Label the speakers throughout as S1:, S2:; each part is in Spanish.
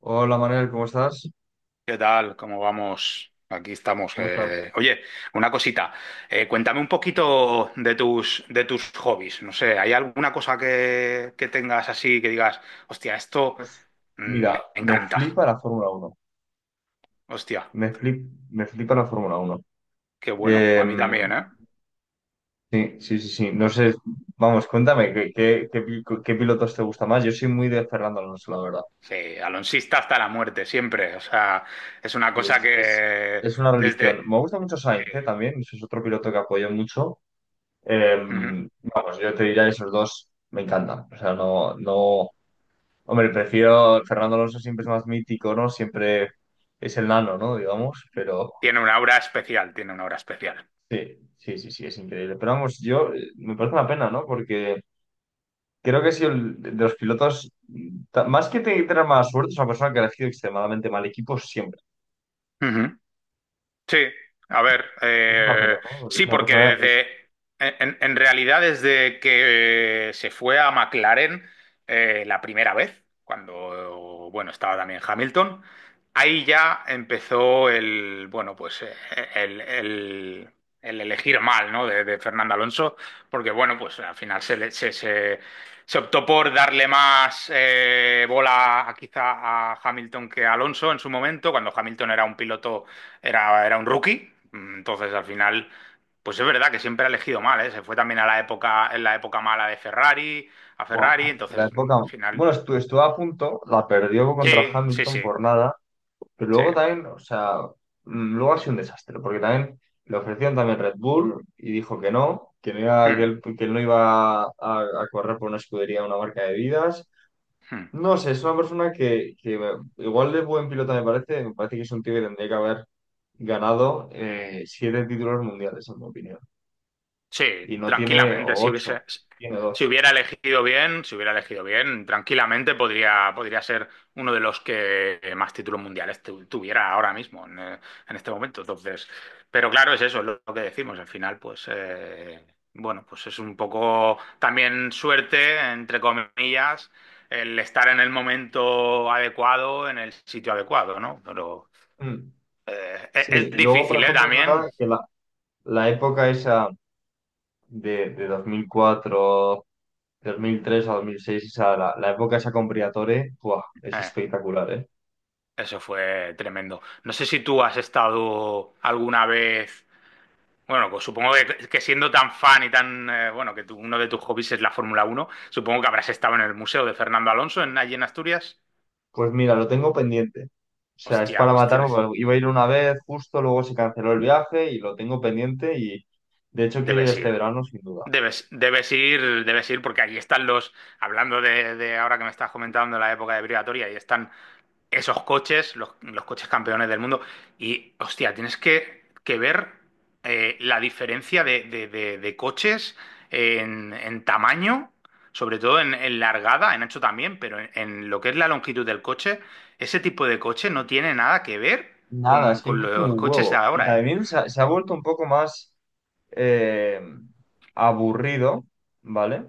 S1: Hola Manuel, ¿cómo estás?
S2: ¿Qué tal? ¿Cómo vamos? Aquí estamos.
S1: ¿Cómo estás?
S2: Oye, una cosita. Cuéntame un poquito de tus hobbies. No sé, ¿hay alguna cosa que tengas así que digas, hostia, esto
S1: Pues
S2: mm,
S1: mira,
S2: me
S1: me
S2: encanta?
S1: flipa la Fórmula Uno.
S2: Hostia,
S1: Me flipa la Fórmula Uno.
S2: qué bueno. A mí
S1: Em,
S2: también, ¿eh?
S1: sí, sí, sí, sí. No sé, vamos, cuéntame, ¿ qué pilotos te gusta más? Yo soy muy de Fernando Alonso, la verdad.
S2: Sí, alonsista hasta la muerte, siempre. O sea, es una
S1: Sí,
S2: cosa
S1: es
S2: que
S1: es una
S2: desde...
S1: religión. Me gusta mucho
S2: sí,
S1: Sainz, también. Ese es otro piloto que apoyo mucho.
S2: ujú.
S1: Em, Vamos, yo te diría esos dos me encantan. O sea, no, no. Hombre, prefiero Fernando Alonso, siempre es más mítico, ¿no? Siempre es el nano, ¿no? Digamos, pero
S2: Tiene una aura especial, tiene una aura especial.
S1: sí, sí, sí, sí, es increíble. Pero vamos, yo me parece una pena, ¿no? Porque creo que si el, de los pilotos, tener mala suerte, es una persona que ha elegido extremadamente mal equipo siempre.
S2: Ujú. Sí, a ver,
S1: Es una pena, ¿no? Es
S2: sí,
S1: una
S2: porque
S1: persona, es,
S2: en realidad desde que se fue a McLaren, la primera vez, cuando, bueno, estaba también Hamilton, ahí ya empezó bueno, pues el, el- el elegir mal, ¿no? De Fernando Alonso, porque, bueno, pues al final se, le- se- se optó por darle más bola quizá a Hamilton que a Alonso en su momento, cuando Hamilton era un piloto, era un rookie. Entonces, al final, pues es verdad que siempre ha elegido mal, ¿eh? Se fue también en la época mala de Ferrari, a Ferrari.
S1: ¡buah!, la
S2: Entonces, al
S1: época,
S2: final,
S1: bueno, estuvo a punto, la perdió contra
S2: sí, sí, sí,
S1: Hamilton por nada. Pero
S2: sí.
S1: luego también, o sea, luego ha sido un desastre, porque también le ofrecieron también Red Bull y dijo que no iba,
S2: Mm,
S1: que él no iba a correr por una escudería, una marca de vidas.
S2: mm.
S1: No sé, es una persona que igual de buen piloto me parece que es un tío que tendría que haber ganado 7 títulos mundiales, en mi opinión. Y
S2: Sí,
S1: no tiene
S2: tranquilamente.
S1: o 8, tiene
S2: Si
S1: 2.
S2: hubiera elegido bien, si hubiera elegido bien, tranquilamente podría ser uno de los que más títulos mundiales tuviera ahora mismo, en este momento. Entonces, pero claro, es eso, es lo que decimos. Al final, pues bueno, pues es un poco también suerte, entre comillas, el estar en el momento adecuado, en el sitio adecuado, ¿no? Pero
S1: Mm. Sí,
S2: es
S1: y luego, por
S2: difícil, ¿eh?
S1: ejemplo, es
S2: También.
S1: verdad que la época esa de 2004, 2003 a 2006, o sea, la época esa con Briatore, ¡buah!, es
S2: eh,
S1: espectacular, ¿eh?
S2: Eso fue tremendo. No sé si tú has estado alguna vez. Bueno, pues supongo que, siendo tan fan y tan, bueno, uno de tus hobbies es la Fórmula 1, supongo que habrás estado en el Museo de Fernando Alonso, allí en Asturias.
S1: Pues mira, lo tengo pendiente. O sea, es
S2: Hostia,
S1: para
S2: pues
S1: matarme, porque iba a ir una vez justo, luego se canceló el viaje y lo tengo pendiente, y de hecho quiero ir
S2: debes
S1: este
S2: ir.
S1: verano sin duda.
S2: Debes ir, debes ir, porque allí están hablando de ahora que me estás comentando la época de Brigatoria, ahí están esos coches, los coches campeones del mundo. Y hostia, tienes que ver, la diferencia de coches en tamaño, sobre todo en largada, en ancho también, pero en lo que es la longitud del coche. Ese tipo de coche no tiene nada que ver
S1: Nada,
S2: con,
S1: es que han
S2: con
S1: crecido
S2: los
S1: un
S2: coches de
S1: huevo. Y
S2: ahora, ¿eh?
S1: también se ha vuelto un poco más eh, aburrido, ¿vale?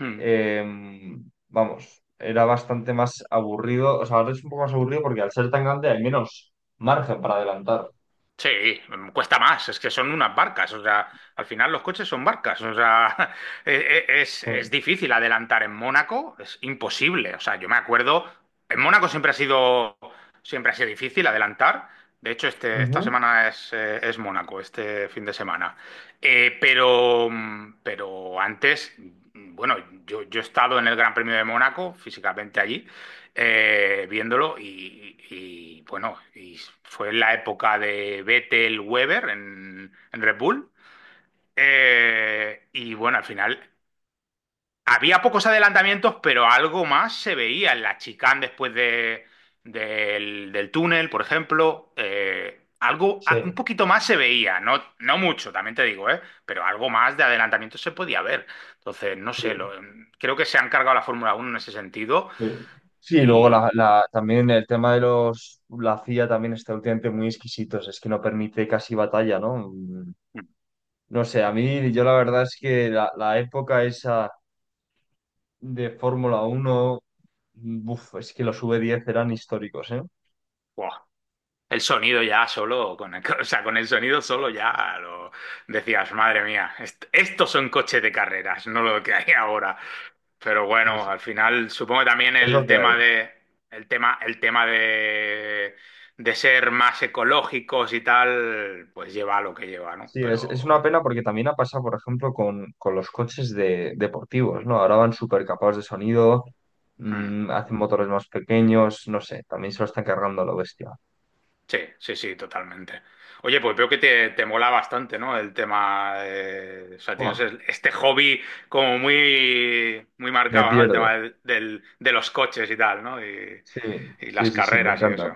S2: Mm.
S1: Vamos, era bastante más aburrido, o sea, ahora es un poco más aburrido porque al ser tan grande hay menos margen para adelantar.
S2: Sí. Cuesta más, es que son unas barcas, o sea, al final los coches son barcas, o sea, e- e- es,
S1: Ujú.
S2: es difícil adelantar en Mónaco, es imposible. O sea, yo me acuerdo, en Mónaco siempre ha sido difícil adelantar. De hecho, esta semana es Mónaco, este fin de semana. Pero antes, bueno, yo he estado en el Gran Premio de Mónaco, físicamente allí, viéndolo bueno, y fue la época de Vettel Weber en Red Bull. Y bueno, al final había pocos adelantamientos, pero algo más se veía en la chicane después del túnel, por ejemplo. Algo, un
S1: Sí,
S2: poquito más se veía, no, no mucho, también te digo, ¿eh? Pero algo más de adelantamiento se podía ver. Entonces, no sé,
S1: sí.
S2: creo que se han cargado la Fórmula Uno en ese sentido
S1: Sí. Sí, y luego
S2: y.
S1: la, también el tema de los, la CIA también está últimamente muy exquisitos, es que no permite casi batalla, ¿no? Mm.
S2: mm,
S1: No sé, a mí, yo la verdad es que la época esa de Fórmula uno, buf, es que los V10 eran históricos, ¿eh?
S2: buah, el sonido ya solo, o sea, con el sonido solo
S1: ¡Buah!
S2: ya lo decías: madre mía, estos son coches de carreras, no lo que hay ahora. Pero
S1: Sí,
S2: bueno,
S1: sí.
S2: al final supongo que también
S1: Es
S2: el
S1: lo que
S2: tema
S1: hay.
S2: de el tema el tema de ser más ecológicos y tal, pues lleva a lo que lleva, ¿no?
S1: Sí, es
S2: Pero
S1: una pena porque también ha pasado, por ejemplo, con los coches de, deportivos, ¿no? Ahora van súper capados de sonido,
S2: hmm.
S1: hacen motores más pequeños, no sé, también se lo están cargando a lo bestia.
S2: Sí, sí, sí, totalmente. Oye, pues veo que te mola bastante, ¿no? El tema, o sea, tienes
S1: ¡Buah!,
S2: este hobby como muy, muy
S1: me
S2: marcado, ¿no? El
S1: pierde.
S2: tema de los coches y tal, ¿no? Y,
S1: Sí,
S2: y
S1: sí,
S2: las
S1: sí, sí, me
S2: carreras y
S1: encantan,
S2: eso.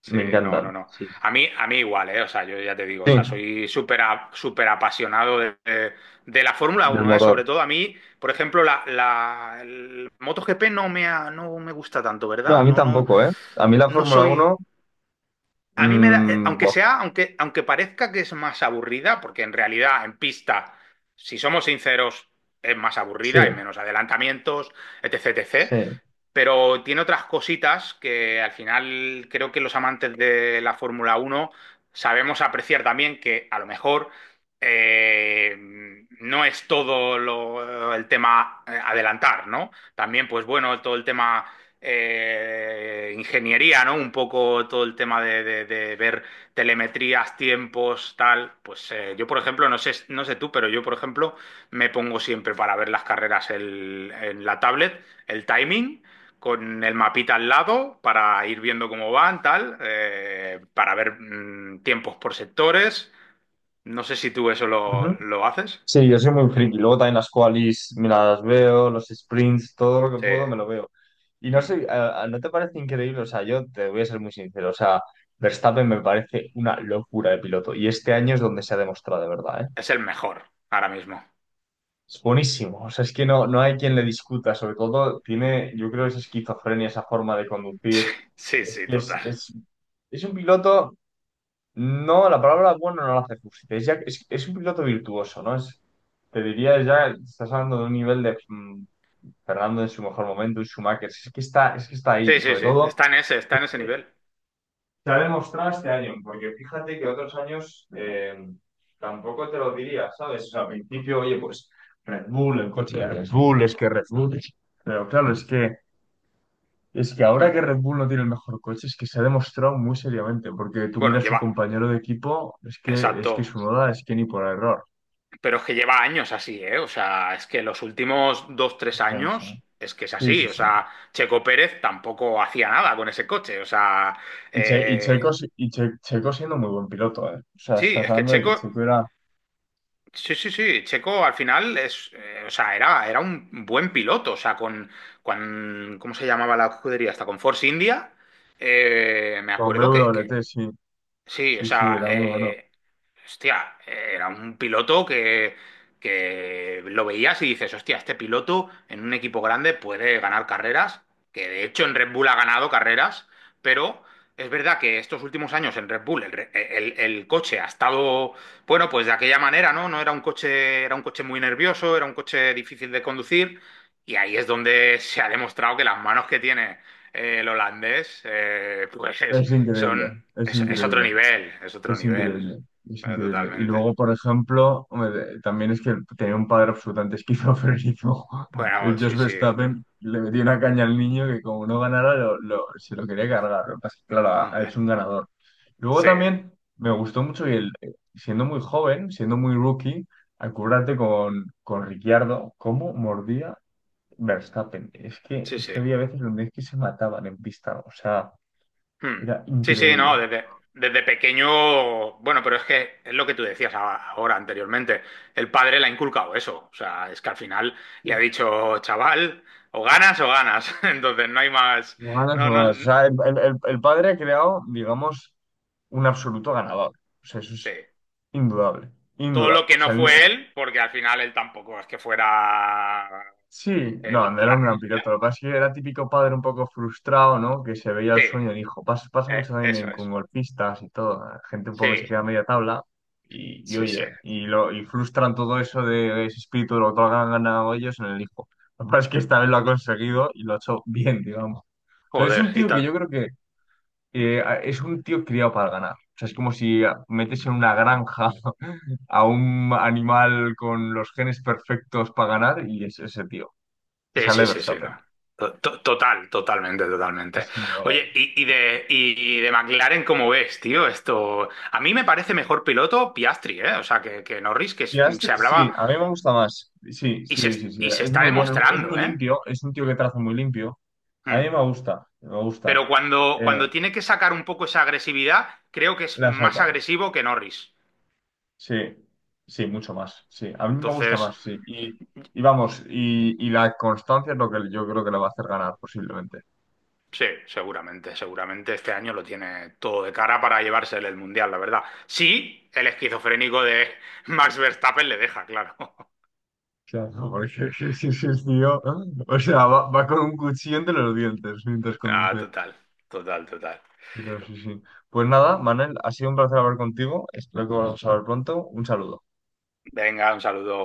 S2: Sí,
S1: me
S2: no, no,
S1: encantan.
S2: no.
S1: Sí, sí.
S2: A mí igual, ¿eh? O sea, yo ya te digo, o sea,
S1: Sí,
S2: soy súper apasionado de la Fórmula
S1: del
S2: Uno, ¿eh?
S1: motor.
S2: Sobre todo a mí, por ejemplo, la, el MotoGP no me gusta tanto,
S1: No, a
S2: ¿verdad?
S1: mí
S2: No, no,
S1: tampoco, ¿eh? A mí la
S2: no
S1: Fórmula
S2: soy...
S1: uno,
S2: A mí me da, aunque
S1: buah,
S2: sea, aunque, aunque parezca que es más aburrida, porque en realidad en pista, si somos sinceros, es más aburrida, hay
S1: sí,
S2: menos adelantamientos, etc, etc,
S1: sí.
S2: pero tiene otras cositas que al final creo que los amantes de la Fórmula Uno sabemos apreciar también, que a lo mejor, eh, no es todo el tema, adelantar, ¿no? También, pues bueno, todo el tema, ingeniería, ¿no? Un poco todo el tema de ver telemetrías, tiempos, tal. Pues yo, por ejemplo, no sé tú, pero yo, por ejemplo, me pongo siempre para ver las carreras, en la tablet, el timing con el mapita al lado para ir viendo cómo van, tal, para ver, tiempos por sectores. No sé si tú eso lo haces.
S1: Sí, yo soy muy friki. Luego también las qualis me las veo, los sprints, todo lo que
S2: Sí.
S1: puedo me lo veo. Y no
S2: Mm.
S1: sé, ¿no te parece increíble? O sea, yo te voy a ser muy sincero. O sea, Verstappen me parece una locura de piloto. Y este año es donde se ha demostrado de verdad, ¿eh?
S2: Es el mejor ahora mismo.
S1: Es buenísimo. O sea, es que no, no hay quien le discuta. Sobre todo, tiene, yo creo, esa esquizofrenia, esa forma de conducir.
S2: Sí,
S1: Es
S2: sí,
S1: que
S2: total.
S1: es un piloto. No, la palabra bueno no la hace justicia. Es un piloto virtuoso, ¿no? Es, te diría ya, estás hablando de un nivel de Fernando en su mejor momento, un Schumacher. Es que está ahí,
S2: Sí, sí,
S1: sobre
S2: sí.
S1: todo.
S2: Está
S1: Es
S2: en ese
S1: que
S2: nivel.
S1: se ha demostrado este año, porque fíjate que otros años tampoco te lo diría, ¿sabes? O sea, al principio, oye, pues Red Bull, el coche de Red Bull, es que Red Bull. Pero claro, es que ahora
S2: Mm.
S1: que Red Bull no tiene el mejor coche, es que se ha demostrado muy seriamente, porque tú
S2: Bueno,
S1: miras su
S2: lleva.
S1: compañero de equipo, es que
S2: Exacto.
S1: Tsunoda es que ni por error.
S2: Pero es que lleva años así, ¿eh? O sea, es que los últimos dos, tres
S1: Bueno, sí.
S2: años es que es
S1: Sí,
S2: así.
S1: sí,
S2: O
S1: sí.
S2: sea, Checo Pérez tampoco hacía nada con ese coche. O sea,
S1: Y, Che- y Checo,
S2: eh,
S1: si- y Che- Checo siendo muy buen piloto, ¿eh? O sea,
S2: sí,
S1: estás
S2: es que
S1: hablando de que
S2: Checo.
S1: Checo era
S2: Sí, sí, sí. Checo, al final, o sea, era un buen piloto. O sea, ¿cómo se llamaba la escudería? Hasta con Force India. Me
S1: con B
S2: acuerdo que,
S1: W
S2: que
S1: T, sí,
S2: Sí, o
S1: sí, sí,
S2: sea,
S1: era muy bueno.
S2: hostia, era un piloto que lo veías y dices: hostia, este piloto en un equipo grande puede ganar carreras, que de hecho en Red Bull ha ganado carreras, pero es verdad que estos últimos años en Red Bull el coche ha estado, bueno, pues de aquella manera, ¿no? No era un coche, era un coche muy nervioso, era un coche difícil de conducir, y ahí es donde se ha demostrado que las manos que tiene, el holandés, pues
S1: Es increíble,
S2: son,
S1: es
S2: es, es otro
S1: increíble.
S2: nivel, es otro
S1: Es
S2: nivel.
S1: increíble, es
S2: Pero
S1: increíble. Y
S2: totalmente.
S1: luego, por ejemplo, hombre, también es que tenía un padre absolutamente esquizofrénico. El
S2: Bueno,
S1: Jos
S2: sí, sí, otro.
S1: Verstappen le metió una caña al niño que como no ganara, se lo quería cargar. Lo que pasa es que, claro, ha, ha hecho
S2: Joder.
S1: un ganador. Luego
S2: Sí,
S1: también me gustó mucho y el, siendo muy joven, siendo muy rookie, acuérdate con Ricciardo, cómo mordía Verstappen.
S2: sí,
S1: Es
S2: sí.
S1: que había veces donde es que se mataban en pista. O sea,
S2: Hmm.
S1: era
S2: Sí, sí,
S1: increíble.
S2: no, desde pequeño, bueno, pero es que es lo que tú decías ahora anteriormente, el padre le ha inculcado eso, o sea, es que al final le ha dicho: chaval, o ganas, entonces no hay más,
S1: Manos
S2: no,
S1: robadas. O
S2: no,
S1: sea, el, el padre ha creado, digamos, un absoluto ganador. O sea, eso
S2: sí.
S1: es indudable,
S2: Todo
S1: indudable.
S2: lo que
S1: O
S2: no
S1: sea,
S2: fue
S1: el-
S2: él, porque al final él tampoco es que fuera
S1: sí, no, no era
S2: la
S1: un
S2: re
S1: gran
S2: hostia.
S1: piloto. Lo que pasa es que era típico padre un poco frustrado, ¿no? Que se veía
S2: Sí,
S1: el sueño del hijo. Pasa, pasa mucho también
S2: eso
S1: en- con
S2: es.
S1: golfistas y todo. Gente un
S2: Sí,
S1: poco que se queda a media tabla. Y
S2: sí, sí.
S1: oye, y, lo, y frustran todo eso de, ese espíritu de lo que han ganado ellos en el hijo. Lo que pasa es que esta vez lo ha conseguido y lo ha hecho bien, digamos. O sea, es
S2: Joder,
S1: un
S2: y
S1: tío que
S2: tal.
S1: yo creo que es un tío criado para ganar. O sea, es como si metes en una granja a un animal con los genes perfectos para ganar y es ese tío.
S2: Sí,
S1: Sale
S2: sí, sí, sí, no.
S1: Verstappen.
S2: Total, totalmente, totalmente.
S1: Es inigualable.
S2: Oye, y de McLaren, ¿cómo ves, tío? Esto. A mí me parece mejor piloto Piastri, ¿eh? O sea, que, Norris, que se
S1: Piastri, sí,
S2: hablaba,
S1: a mí me gusta más. Sí,
S2: y se,
S1: sí, sí, sí.
S2: y se
S1: Es
S2: está
S1: muy bueno, es
S2: demostrando,
S1: muy
S2: ¿eh?
S1: limpio. Es un tío que traza muy limpio. A mí
S2: Mm.
S1: me gusta, me gusta.
S2: Pero cuando,
S1: Eh,
S2: cuando tiene que sacar un poco esa agresividad, creo que es
S1: la
S2: más
S1: saca.
S2: agresivo que Norris.
S1: Sí, sí, mucho más. Sí, a mí me gusta
S2: Entonces.
S1: más, sí. Y vamos, y la constancia es lo que yo creo que le va a hacer ganar posiblemente.
S2: Sí, seguramente este año lo tiene todo de cara para llevarse el Mundial, la verdad. Sí, el esquizofrénico de Max Verstappen le deja, claro.
S1: Claro, porque sí, sí, sí, es tío. ¿No? O sea, va, va con un cuchillo entre los dientes mientras
S2: Ah,
S1: conduce.
S2: total, total, total.
S1: Pero sí, sí. Pues nada, Manel, ha sido un placer hablar contigo. Espero que volvamos a hablar pronto. Un saludo.
S2: Venga, un saludo.